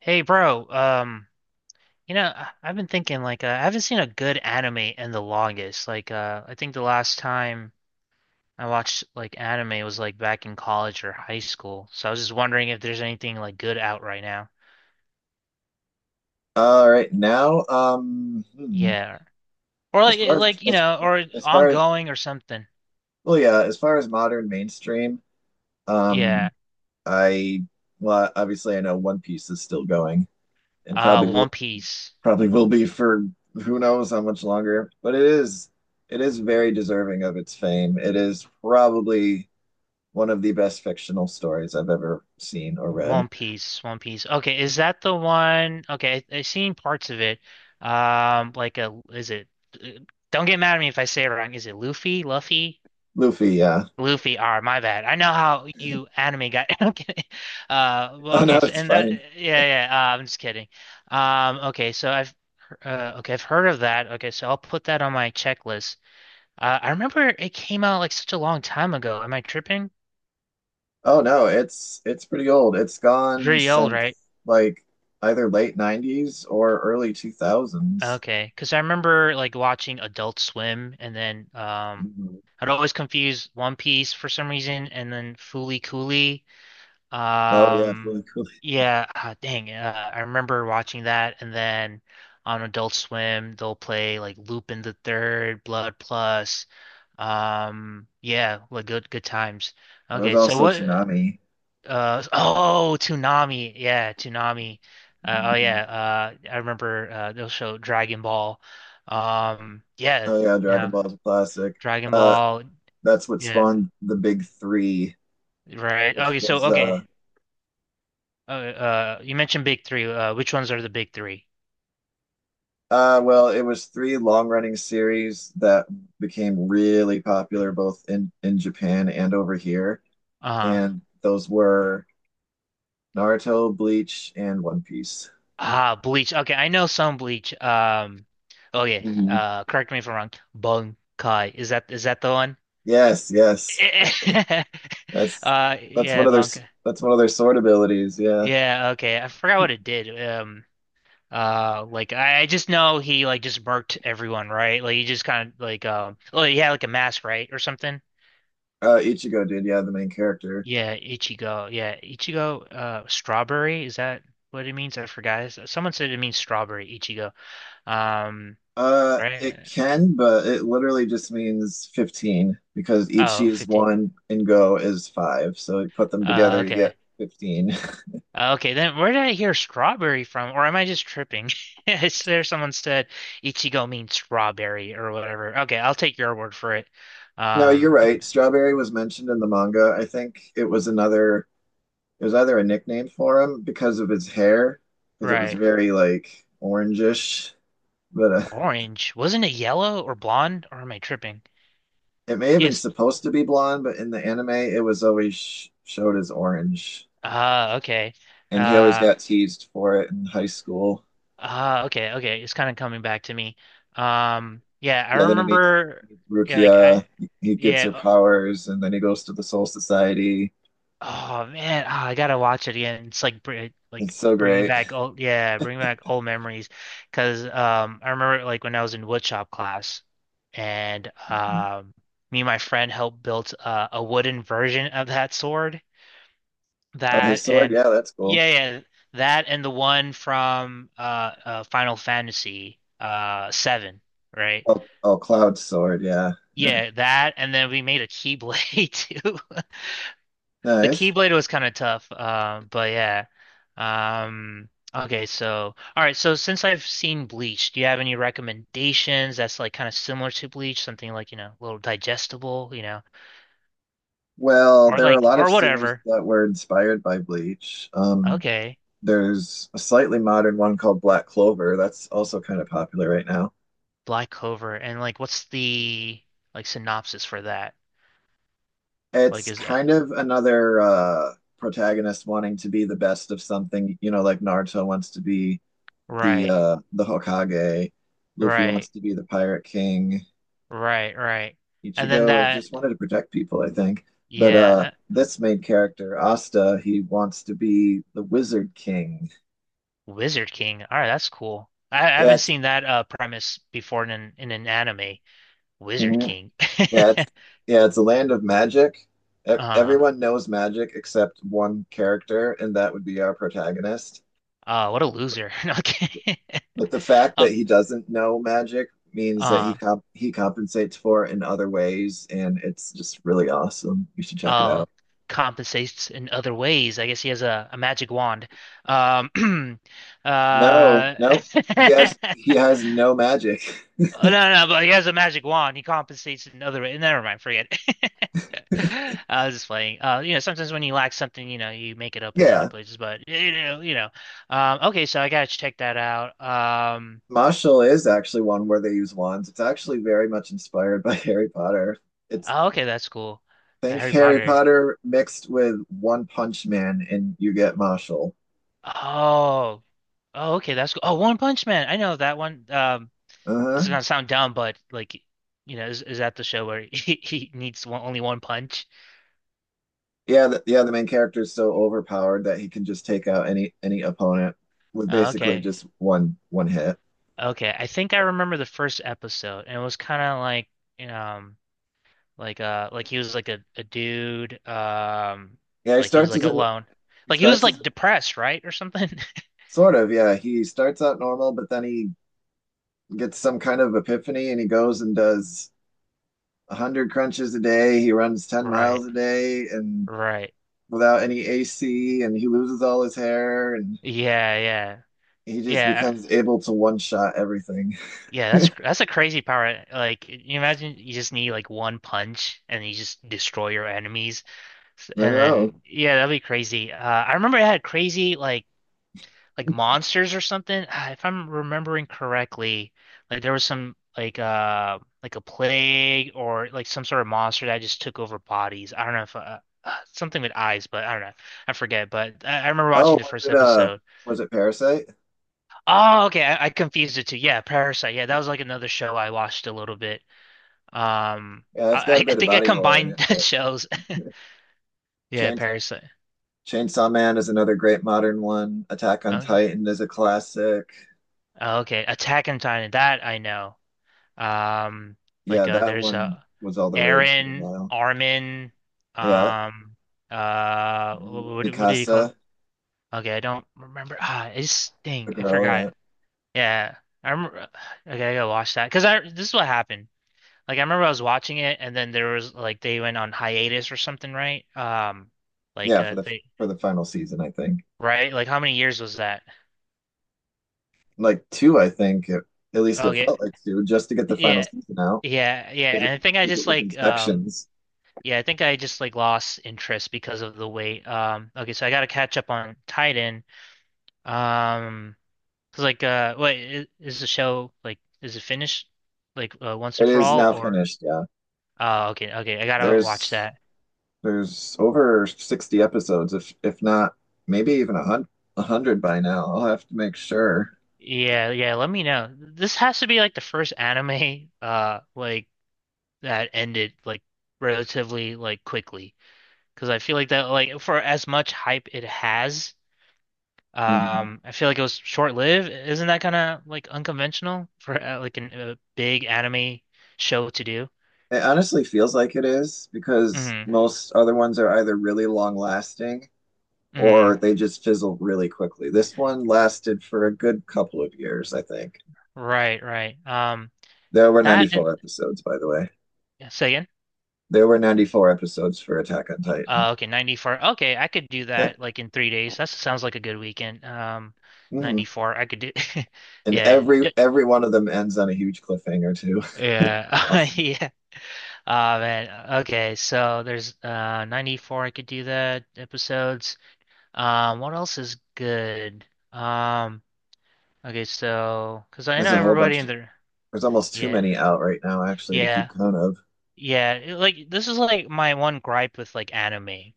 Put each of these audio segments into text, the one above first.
Hey, bro. I've been thinking I haven't seen a good anime in the longest. I think the last time I watched like anime was like back in college or high school. So I was just wondering if there's anything like good out right now. All right, now, Yeah, or as far or as far as ongoing or something. well, yeah, as far as modern mainstream, um, Yeah. I well, obviously I know One Piece is still going and probably One will Piece. probably will be for who knows how much longer, but it is very deserving of its fame. It is probably one of the best fictional stories I've ever seen or read. One Piece. One Piece. Okay, is that the one? Okay, I've seen parts of it. Like a is it? Uh, Don't get mad at me if I say it wrong. Is it Luffy? Luffy? Luffy, yeah. Luffy R, my bad. I know how you anime guy. I'm kidding. Well, Oh no, okay, so it's and that, fine. yeah, yeah, yeah. I'm just kidding. Um, okay, so I've, okay, I've heard of that. Okay, so I'll put that on my checklist. I remember it came out like such a long time ago. Am I tripping? Oh no, it's pretty old. It's gone Pretty old, since right? like either late 90s or early 2000s. Okay, because I remember like watching Adult Swim, and then Mhm. I'd always confuse One Piece for some reason, and then Fooly Cooly. Oh yeah, Um, really cool. yeah, ah, dang, I remember watching that, and then on Adult Swim, they'll play like Lupin the Third, Blood Plus. Yeah, like good times. There was Okay, so also what? Tsunami. Oh, Toonami, yeah, Toonami. Oh Mhm. yeah, I remember they'll show Dragon Ball. Yeah, Oh yeah, Dragon yeah, Ball's a classic. Dragon Uh Ball. that's what Yeah, spawned the big three, right. which Okay, so was okay. You mentioned big three. Which ones are the big three? Well, it was three long-running series that became really popular both in Japan and over here, Uh-huh. and those were Naruto, Bleach, and One Piece. Ah, Bleach. Okay, I know some Bleach. Oh yeah. Correct me if I'm wrong. Bankai. Is that the one? Yes, yes. That's that's one Yeah, of their s- Bankai. that's one of their sword abilities. Yeah. Yeah, okay. I forgot what it did. I just know he like just murked everyone, right? Like he just kind of oh, he had like a mask, right, or something. Ichigo did. Yeah, the main character. Yeah, Ichigo. Yeah, Ichigo, strawberry, is that what it means? I forgot. Someone said it means strawberry, Ichigo. Um, It right? can, but it literally just means 15 because Ichi Oh, is 15. one and Go is five. So you put them together, you get Okay. 15. Okay, then where did I hear strawberry from? Or am I just tripping? Is there someone said Ichigo means strawberry or whatever? Okay, I'll take your word for it. No, you're Um, b- right. Strawberry was mentioned in the manga. I think it was either a nickname for him because of his hair, because it was right. very like orangish, but Orange. Wasn't it yellow or blonde? Or am I tripping? it may have been Yes. supposed to be blonde, but in the anime, it was always sh showed as orange, Okay. and he always Uh, got teased for it in high school. Ah, okay, okay. It's kind of coming back to me. Yeah, I Yeah, then he meets remember. Yeah, like Rukia. I, He gets yeah. her Oh, powers, and then he goes to the Soul Society. oh, man, ah, I gotta watch it again. It's like br Like It's so bringing great. back old, yeah, bringing back old memories. Because I remember like when I was in woodshop class, and me and my friend helped build a wooden version of that sword. Oh, his That sword, and yeah, that's cool. yeah, yeah, that and the one from Final Fantasy seven, right? Oh, Cloud's sword, yeah, Yeah, that, and then we made a Keyblade too. The nice. Keyblade was kind of tough, but yeah. All right, so since I've seen Bleach, do you have any recommendations that's like kind of similar to Bleach, something like, you know, a little digestible, you know, Well, or there are a like lot of or series whatever. that were inspired by Bleach. Okay, There's a slightly modern one called Black Clover that's also kind of popular right now. Black Clover, and like, what's the like synopsis for that? Like, It's is that kind of another protagonist wanting to be the best of something, like Naruto wants to be the right, uh the Hokage, Luffy right, wants to be the Pirate King, right, right? And then Ichigo that, just wanted to protect people, I think. But yeah. this main character, Asta, he wants to be the Wizard King. Wizard King. All right, that's cool. I Yeah, haven't seen that premise before in in an anime. Wizard mhm. King. yeah, it's yeah, it's a land of magic. Uh, Everyone knows magic except one character, and that would be our protagonist. What a loser. Okay. But the fact Uh, that he doesn't know magic means that he uh, comp he compensates for it in other ways, and it's just really awesome. You should check it uh, out. Compensates in other ways. I guess he has a magic wand. Um, No, uh, no, he has he has no magic. Oh, no, no, but he has a magic wand. He compensates in other ways. Never mind, forget. I was just playing. You know, sometimes when you lack something, you know, you make it up in other Yeah, places. But you know, you know. Okay, so I gotta check that out. Marshall is actually one where they use wands. It's actually very much inspired by Harry Potter. It's Oh, okay, that's cool. Think Harry Harry Potter. Potter mixed with One Punch Man, and you get Marshall. Oh, oh, okay, that's cool. Oh, One Punch Man. I know that one. This Uh-huh. is gonna sound dumb, but like, you know, is that the show where he needs only one punch? Yeah, the main character is so overpowered that he can just take out any opponent with basically Okay, just one hit. okay. I think I remember the first episode, and it was kind of like, um. Like he was like a dude, Yeah, he like he was starts like as a, alone. he Like he was starts as like depressed, right? Or something. sort of, yeah, he starts out normal, but then he gets some kind of epiphany and he goes and does 100 crunches a day. He runs 10 Right. miles a day and Right. without any AC and he loses all his hair and Yeah, yeah. he just Yeah. becomes able to one shot everything. Yeah, that's that's a crazy power. Like you imagine you just need like one punch and you just destroy your enemies. I And know. then yeah, that'd be crazy. I remember it had crazy like monsters or something. Ah, if I'm remembering correctly, like there was some like a plague or like some sort of monster that just took over bodies. I don't know if something with eyes, but I don't know. I forget. But I remember Oh, watching the was first it uh episode. was it Parasite? Oh, okay. I confused it too. Yeah, Parasite. Yeah, that was like another show I watched a little bit. Um, Yeah, it's got a I bit of think I body horror in it, combined but shows. Yeah, changed Parasite. Chainsaw Man is another great modern one. Attack on Okay. Titan is a classic. Okay. Attack on Titan. That I know. Um, Yeah, like that there's one a was all the rage for a Aaron, while. Armin, Yeah. um, what do you Mikasa, call it? Okay, I don't remember. Ah, it's the thing. I girl, forgot. yeah. Yeah, I remember. Okay, I gotta watch that because I this is what happened. Like I remember I was watching it, and then there was like they went on hiatus or something, right? Like Yeah, for the they for the final season, I think. Right? Like how many years was that? Like two, I think, at least it Okay, felt like two, just to get the final yeah, season out. yeah, yeah. Because it, And I think I 'Cause it just was in sections. yeah, I think I just like lost interest because of the weight. Okay, so I got to catch up on Titan. Um, 'Cause, like, what is the show like? Is it finished once It and for is all, now or? finished, yeah. Oh, okay, okay, I gotta watch There's that. there's over 60 episodes, if not maybe even a hundred by now. I'll have to make sure. Yeah, yeah. Let me know. This has to be like the first anime, like that ended like relatively like quickly, because I feel like that like for as much hype it has. I feel like it was short-lived. Isn't that kind of like unconventional for a big anime show to do? It honestly feels like it is because Mm, most other ones are either really long lasting or mm, they just fizzle really quickly. This one lasted for a good couple of years, I think. right, right. There were That and 94 episodes, by the way. yeah, say again. There were 94 episodes for Attack on Titan. Okay, 94. Okay, I could do Yeah, that like in 3 days. That sounds like a good weekend. Hmm 94. I could do. And Yeah, every yeah, every one of them ends on a huge cliffhanger too. yeah. Awesome. Yeah. Oh man. Okay, so there's 94. I could do that episodes. What else is good? Um. Okay, so because I There's know a whole everybody bunch. in there. There's almost too Yeah, many out right now, actually, to keep yeah, count of. yeah. Like this is like my one gripe with like anime,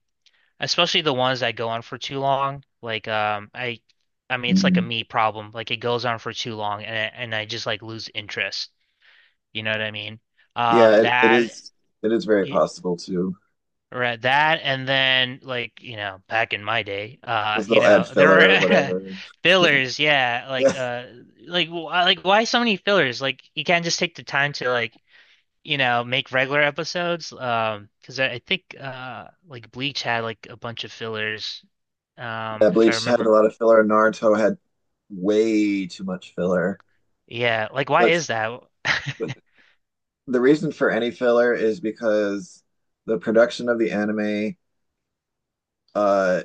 especially the ones that go on for too long. I mean, it's like a Mhm. me problem. Like it goes on for too long, and I just like lose interest. You know what I mean? Um, Yeah, it that. is. It is very y- possible too, Right, that and then like you know back in my day because you they'll add know there filler or were whatever. fillers yeah Yeah. Like why so many fillers like you can't just take the time to like you know, make regular episodes. I think like Bleach had like a bunch of fillers, Yeah, if I Bleach had a remember. lot of filler. Naruto had way too much filler. Yeah, like why But is that? but the reason for any filler is because the production of the anime uh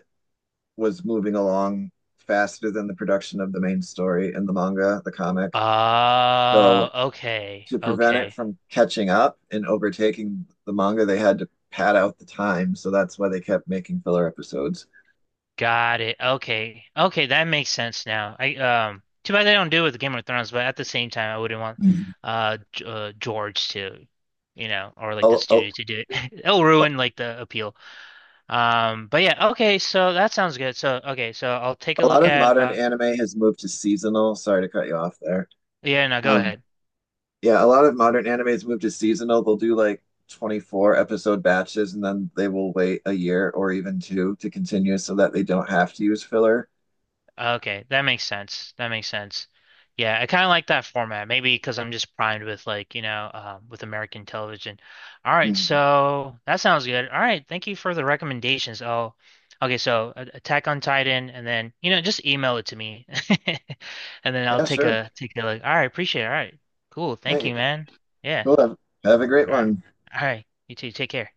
was moving along faster than the production of the main story in the manga, the comic. So Oh, okay, to prevent it okay. from catching up and overtaking the manga, they had to pad out the time. So that's why they kept making filler episodes. Got it. Okay. Okay, that makes sense now. I Too bad they don't do it with Game of Thrones, but at the same time I wouldn't want Mhm. G George to, you know, or A, like the a, studio to do it. It'll ruin like the appeal. But Yeah, okay, so that sounds good. So okay, so I'll take a a lot look of at modern anime has moved to seasonal. Sorry to cut you off there. yeah, no, go Um, ahead. Yeah, a lot of modern animes move to seasonal. They'll do like 24 episode batches and then they will wait a year or even two to continue so that they don't have to use filler. Okay, that makes sense. That makes sense. Yeah, I kind of like that format. Maybe because I'm just primed with like, you know, with American television. All right, Mhm. so that sounds good. All right, thank you for the recommendations. Oh, okay, so Attack on Titan, and then you know, just email it to me, and then I'll Yeah, take sure. a take a look. All right, appreciate it. All right, cool. Thank Hey, you, man. Yeah. cool. Have a great All right. one. All right. You too. Take care.